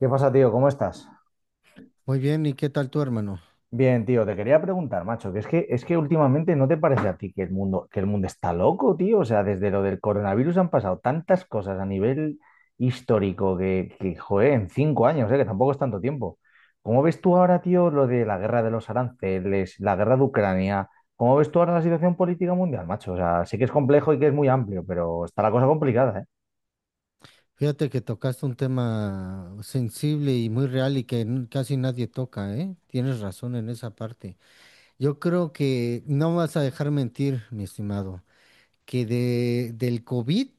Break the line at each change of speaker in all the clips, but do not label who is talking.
¿Qué pasa, tío? ¿Cómo estás?
Muy bien, ¿y qué tal tu hermano?
Bien, tío, te quería preguntar, macho, que últimamente no te parece a ti que el mundo está loco, tío. O sea, desde lo del coronavirus han pasado tantas cosas a nivel histórico que joder, en 5 años, que tampoco es tanto tiempo. ¿Cómo ves tú ahora, tío, lo de la guerra de los aranceles, la guerra de Ucrania? ¿Cómo ves tú ahora la situación política mundial, macho? O sea, sé que es complejo y que es muy amplio, pero está la cosa complicada, ¿eh?
Fíjate que tocaste un tema sensible y muy real y que casi nadie toca, ¿eh? Tienes razón en esa parte. Yo creo que no vas a dejar mentir, mi estimado, que del COVID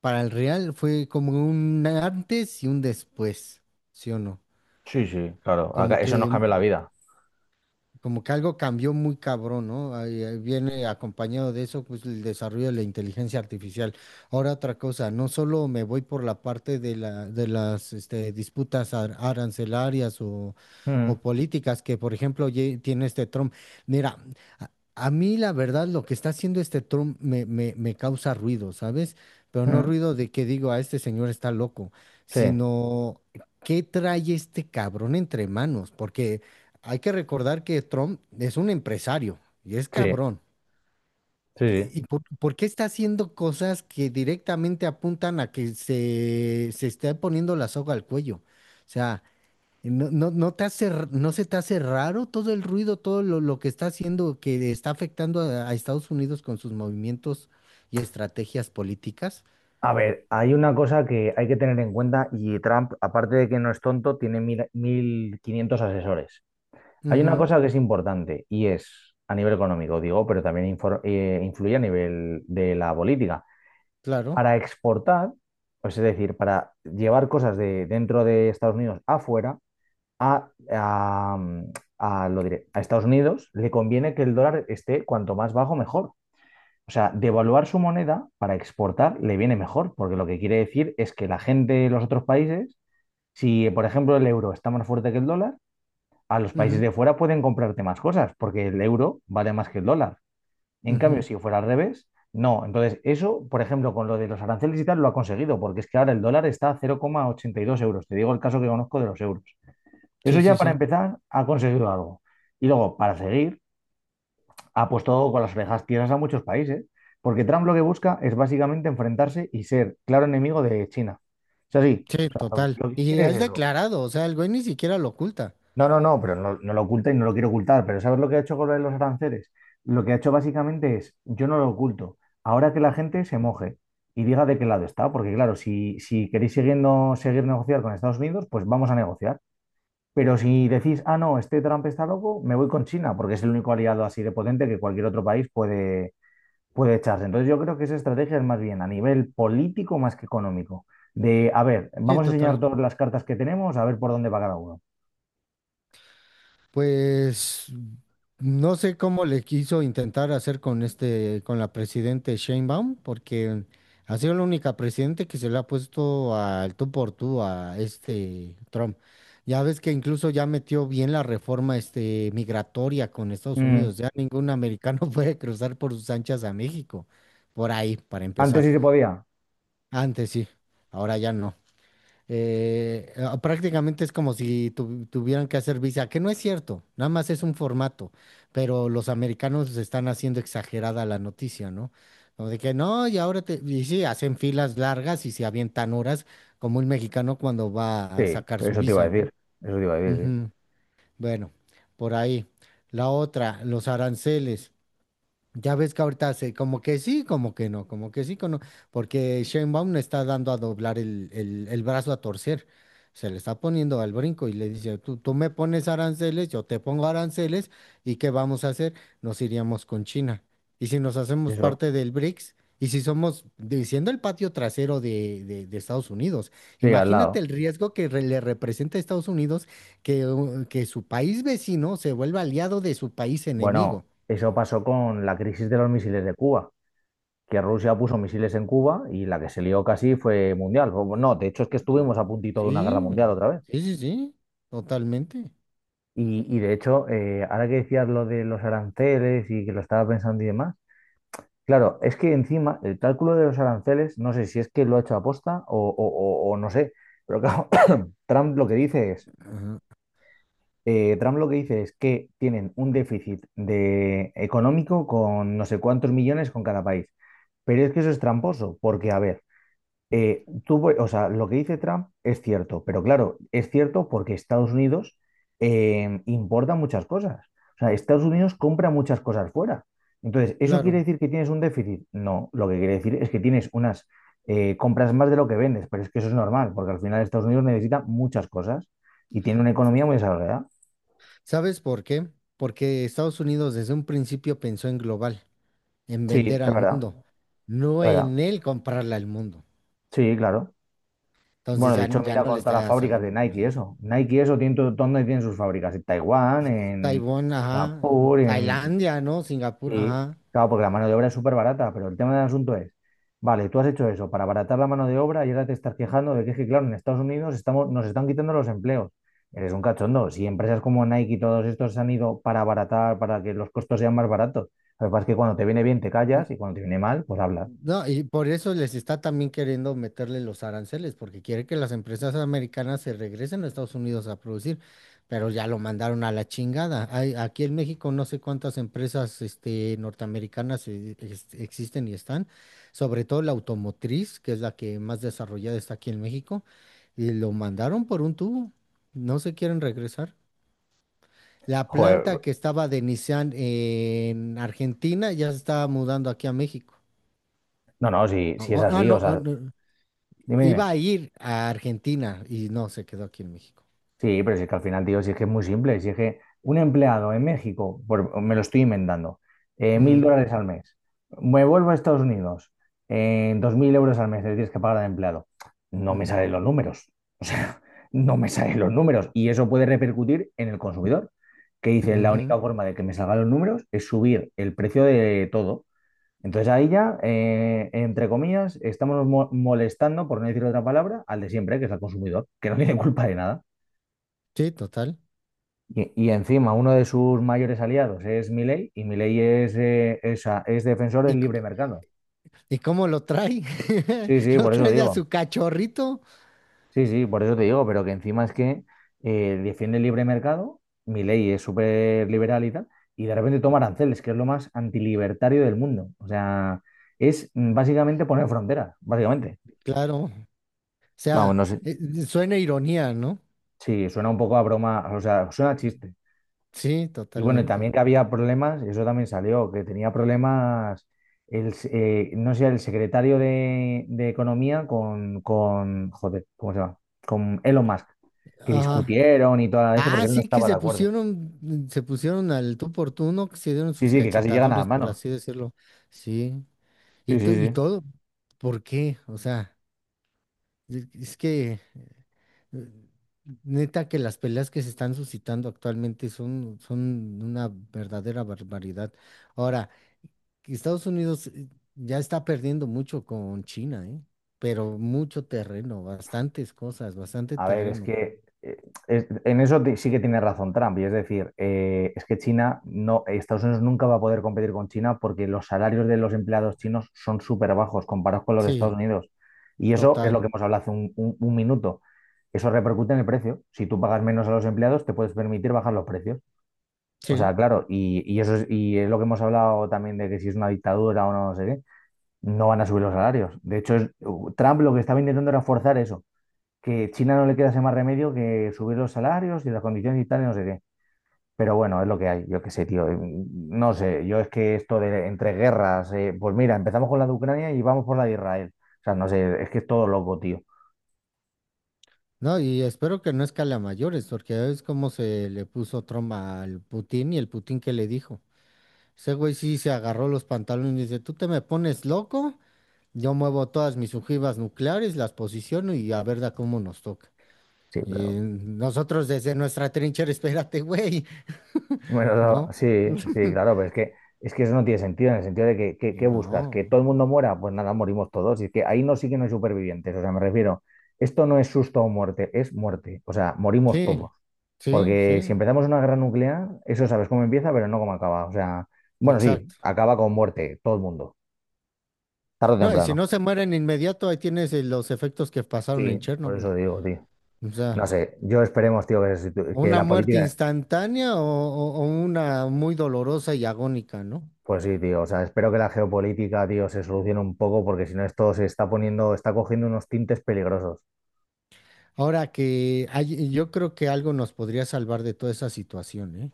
para el real fue como un antes y un después, ¿sí o no?
Sí, sí, claro.
Como que
Eso nos cambió la vida.
como que algo cambió muy cabrón, ¿no? Ahí viene acompañado de eso, pues el desarrollo de la inteligencia artificial. Ahora otra cosa, no solo me voy por la parte de de las este, disputas arancelarias
Mm,
o políticas que, por ejemplo, tiene este Trump. Mira, a, a mí la verdad lo que está haciendo este Trump me causa ruido, ¿sabes? Pero no
mm,
ruido de que digo, a este señor está loco,
sí,
sino... ¿Qué trae este cabrón entre manos? Porque hay que recordar que Trump es un empresario y es
sí,
cabrón.
sí, sí.
¿Y por qué está haciendo cosas que directamente apuntan a que se esté poniendo la soga al cuello? O sea, no te hace, ¿no se te hace raro todo el ruido, todo lo que está haciendo, que está afectando a Estados Unidos con sus movimientos y estrategias políticas?
A ver, hay una cosa que hay que tener en cuenta y Trump, aparte de que no es tonto, tiene 1.500 asesores. Hay una
Ujú,
cosa que es importante y es a nivel económico, digo, pero también influye a nivel de la política.
claro.
Para exportar, pues es decir, para llevar cosas de dentro de Estados Unidos afuera, a, a, lo diré, a Estados Unidos le conviene que el dólar esté cuanto más bajo, mejor. O sea, devaluar su moneda para exportar le viene mejor, porque lo que quiere decir es que la gente de los otros países, si por ejemplo el euro está más fuerte que el dólar, a los países
Ujú,
de fuera pueden comprarte más cosas, porque el euro vale más que el dólar. En cambio,
ujú.
si fuera al revés, no. Entonces, eso, por ejemplo, con lo de los aranceles y tal, lo ha conseguido, porque es que ahora el dólar está a 0,82 euros. Te digo el caso que conozco de los euros. Eso
Sí,
ya
sí,
para
sí.
empezar ha conseguido algo. Y luego, para seguir, ha puesto con las orejas tiesas a muchos países, porque Trump lo que busca es básicamente enfrentarse y ser claro enemigo de China. Es así,
Sí,
o sea, lo,
total.
lo que
Y
quiere es
has
eso.
declarado, o sea, el güey ni siquiera lo oculta.
No, no, no, pero no, no lo oculta y no lo quiere ocultar, pero ¿sabes lo que ha hecho con lo de los aranceles? Lo que ha hecho básicamente es, yo no lo oculto, ahora que la gente se moje y diga de qué lado está, porque claro, si queréis siguiendo, seguir negociar con Estados Unidos, pues vamos a negociar. Pero si decís, ah, no, este Trump está loco, me voy con China, porque es el único aliado así de potente que cualquier otro país puede echarse. Entonces yo creo que esa estrategia es más bien a nivel político más que económico. De, a ver,
Sí,
vamos a
total.
enseñar todas las cartas que tenemos, a ver por dónde va cada uno.
Pues no sé cómo le quiso intentar hacer con este, con la presidente Sheinbaum, porque ha sido la única presidente que se le ha puesto al tú por tú a este Trump. Ya ves que incluso ya metió bien la reforma este migratoria con Estados
Mm,
Unidos. Ya ningún americano puede cruzar por sus anchas a México. Por ahí, para
¿antes
empezar.
sí se podía?
Antes sí, ahora ya no. Ah, prácticamente es como si tuvieran que hacer visa, que no es cierto, nada más es un formato, pero los americanos están haciendo exagerada la noticia, ¿no? Como de que no, y ahora te, y sí, hacen filas largas y se avientan horas, como un mexicano cuando va a
Sí,
sacar su
eso te iba
visa,
a decir.
¿no?
Eso te iba a decir,
Ujú. Bueno, por ahí. La otra, los aranceles. Ya ves que ahorita hace como que sí, como que no, como que sí, como no, porque Sheinbaum le está dando a doblar el brazo a torcer. Se le está poniendo al brinco y le dice, tú me pones aranceles, yo te pongo aranceles, ¿y qué vamos a hacer? Nos iríamos con China. Y si nos
sí.
hacemos
Eso,
parte del BRICS, y si somos, diciendo el patio trasero de, de Estados Unidos,
sí, al
imagínate
lado.
el riesgo que le representa a Estados Unidos que su país vecino se vuelva aliado de su país
Bueno,
enemigo.
eso pasó con la crisis de los misiles de Cuba, que Rusia puso misiles en Cuba y la que se lió casi fue mundial. No, de hecho es que estuvimos a puntito de una guerra
Sí,
mundial otra vez.
sí, sí, sí, totalmente.
Y de hecho, ahora que decías lo de los aranceles y que lo estaba pensando y demás, claro, es que encima el cálculo de los aranceles, no sé si es que lo ha hecho aposta o no sé, pero claro, Trump lo que dice es,
Ajá.
Trump lo que dice es que tienen un déficit de económico con no sé cuántos millones con cada país. Pero es que eso es tramposo, porque a ver, tuvo, o sea, lo que dice Trump es cierto, pero claro, es cierto porque Estados Unidos importa muchas cosas. O sea, Estados Unidos compra muchas cosas fuera. Entonces, ¿eso quiere
Claro.
decir que tienes un déficit? No, lo que quiere decir es que tienes unas compras más de lo que vendes, pero es que eso es normal, porque al final Estados Unidos necesita muchas cosas y tiene una economía muy desarrollada.
¿Sabes por qué? Porque Estados Unidos desde un principio pensó en global, en
Sí, es
vender al
verdad,
mundo, no
es verdad.
en él comprarle al mundo.
Sí, claro.
Entonces
Bueno, de
ya,
hecho,
ya
mira
no le
con todas las
está
fábricas de
saliendo por
Nike, y
ahí.
eso. Nike, y eso, tiene todo, donde tienen sus fábricas, en Taiwán, en
Taiwán, ajá,
Singapur, en...
Tailandia, ¿no? Singapur,
Sí,
ajá.
claro, porque la mano de obra es súper barata, pero el tema del asunto es, vale, tú has hecho eso para abaratar la mano de obra y ahora te estás quejando de que, es que, claro, en Estados Unidos estamos, nos están quitando los empleos. Eres un cachondo. Si empresas como Nike y todos estos se han ido para abaratar, para que los costos sean más baratos, lo que pasa es que cuando te viene bien te callas y cuando te viene mal, pues hablas.
No, y por eso les está también queriendo meterle los aranceles, porque quiere que las empresas americanas se regresen a Estados Unidos a producir, pero ya lo mandaron a la chingada. Hay, aquí en México no sé cuántas empresas este, norteamericanas existen y están, sobre todo la automotriz, que es la que más desarrollada está aquí en México, y lo mandaron por un tubo, no se quieren regresar. La
Joder,
planta que estaba de Nissan en Argentina ya se estaba mudando aquí a México.
no, no, si, si es
Ah, ah,
así,
no,
o
ah,
sea,
no.
dime,
Iba
dime.
a ir a Argentina y no, se quedó aquí en México.
Sí, pero si es que al final, tío, si es que es muy simple, si es que un empleado en México, me lo estoy inventando, mil
Mm,
dólares al mes, me vuelvo a Estados Unidos, 2.000 euros al mes le tienes que pagar al empleado, no me
ujú,
salen los números, o sea, no me salen los números y eso puede repercutir en el consumidor, que dice, la
ujú.
única forma de que me salgan los números es subir el precio de todo. Entonces ahí ya, entre comillas, estamos molestando, por no decir otra palabra, al de siempre, que es al consumidor, que no tiene culpa de nada.
Sí, total.
Y encima uno de sus mayores aliados es Milei y Milei es defensor
¿Y,
del libre mercado.
y cómo lo trae?
Sí, sí,
Lo
por eso
trae de a
digo.
su cachorrito.
Sí, sí, por eso te digo, pero que encima es que defiende el libre mercado, Milei es súper liberal y tal, y de repente toma aranceles, que es lo más antilibertario del mundo. O sea, es básicamente poner fronteras, básicamente.
Claro. O
Vamos,
sea,
no sé.
suena ironía, ¿no?
Sí, suena un poco a broma, o sea, suena a chiste.
Sí,
Y bueno, y también
totalmente.
que había problemas, eso también salió, que tenía problemas, el, no sé, el secretario de Economía joder, ¿cómo se llama? Con Elon Musk, que
Ajá.
discutieron y toda la leche porque
Ah,
él no
sí, que
estaba de
se
acuerdo.
pusieron, mm, se pusieron al tú por tú, ¿no? Que se dieron
Sí,
sus
sí, que casi llegan a las
cachetadones, por
manos.
así decirlo. Sí. Y,
Sí, sí,
y
sí.
todo, ¿por qué? O sea, es que... eh, Neta que las peleas que se están suscitando actualmente son una verdadera barbaridad. Ahora, Estados Unidos ya está perdiendo mucho con China, ¿eh? Pero mucho terreno, bastantes cosas, bastante
A ver, es
terreno.
que en eso sí que tiene razón Trump, y es decir, es que China no, Estados Unidos nunca va a poder competir con China porque los salarios de los empleados chinos son súper bajos comparados con los de Estados
Sí,
Unidos. Y eso es lo
total.
que hemos hablado hace un minuto. Eso repercute en el precio. Si tú pagas menos a los empleados, te puedes permitir bajar los precios. O
Sí.
sea, claro, y eso es, y es lo que hemos hablado también de que si es una dictadura o no, no sé qué, no van a subir los salarios. De hecho, Trump lo que estaba intentando era forzar eso que China no le queda ese más remedio que subir los salarios y las condiciones y tal, y no sé qué. Pero bueno, es lo que hay, yo qué sé, tío. No sé, yo es que esto de entre guerras, pues mira, empezamos con la de Ucrania y vamos por la de Israel. O sea, no sé, es que es todo loco, tío.
No, y espero que no escale a mayores, porque ya es como se le puso Trump al Putin y el Putin que le dijo. Ese güey sí se agarró los pantalones y dice, ¿tú te me pones loco? Yo muevo todas mis ojivas nucleares, las posiciono y a ver da cómo nos toca.
Sí,
Y
pero
nosotros desde nuestra trinchera, espérate, güey,
bueno, no,
¿no?
sí, sí, claro, pero es que eso no tiene sentido, en el sentido de que,
Y
¿qué buscas? ¿Que
no,
todo el mundo muera? Pues nada, morimos todos. Y es que ahí no sí que no hay supervivientes. O sea, me refiero, esto no es susto o muerte, es muerte. O sea, morimos
sí,
todos.
sí,
Porque si
sí,
empezamos una guerra nuclear, eso sabes cómo empieza, pero no cómo acaba. O sea, bueno, sí,
exacto.
acaba con muerte, todo el mundo, tarde o
No, y si
temprano.
no se mueren inmediato, ahí tienes los efectos que pasaron
Sí,
en
por
Chernobyl.
eso digo, tío.
O
No
sea,
sé, yo esperemos, tío, que, que
una
la
muerte
política,
instantánea o, o una muy dolorosa y agónica, ¿no?
pues sí, tío, o sea, espero que la geopolítica, tío, se solucione un poco, porque si no esto se está poniendo, está cogiendo unos tintes peligrosos.
Ahora que yo creo que algo nos podría salvar de toda esa situación, ¿eh?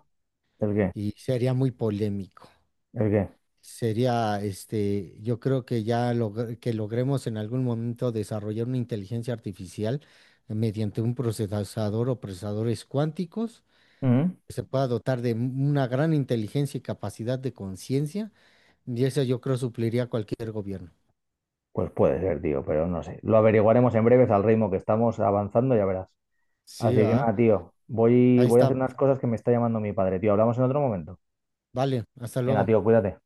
¿El qué?
Y sería muy polémico.
¿El qué?
Sería, este, yo creo que ya que logremos en algún momento desarrollar una inteligencia artificial mediante un procesador o procesadores cuánticos
Mm.
que se pueda dotar de una gran inteligencia y capacidad de conciencia, y eso yo creo supliría a cualquier gobierno.
Pues puede ser, tío, pero no sé. Lo averiguaremos en breves al ritmo que estamos avanzando, ya verás.
Sí,
Así que
¿verdad?
nada, tío,
Ahí
voy a hacer unas
estamos.
cosas que me está llamando mi padre, tío. Hablamos en otro momento.
Vale, hasta
Venga,
luego.
tío, cuídate.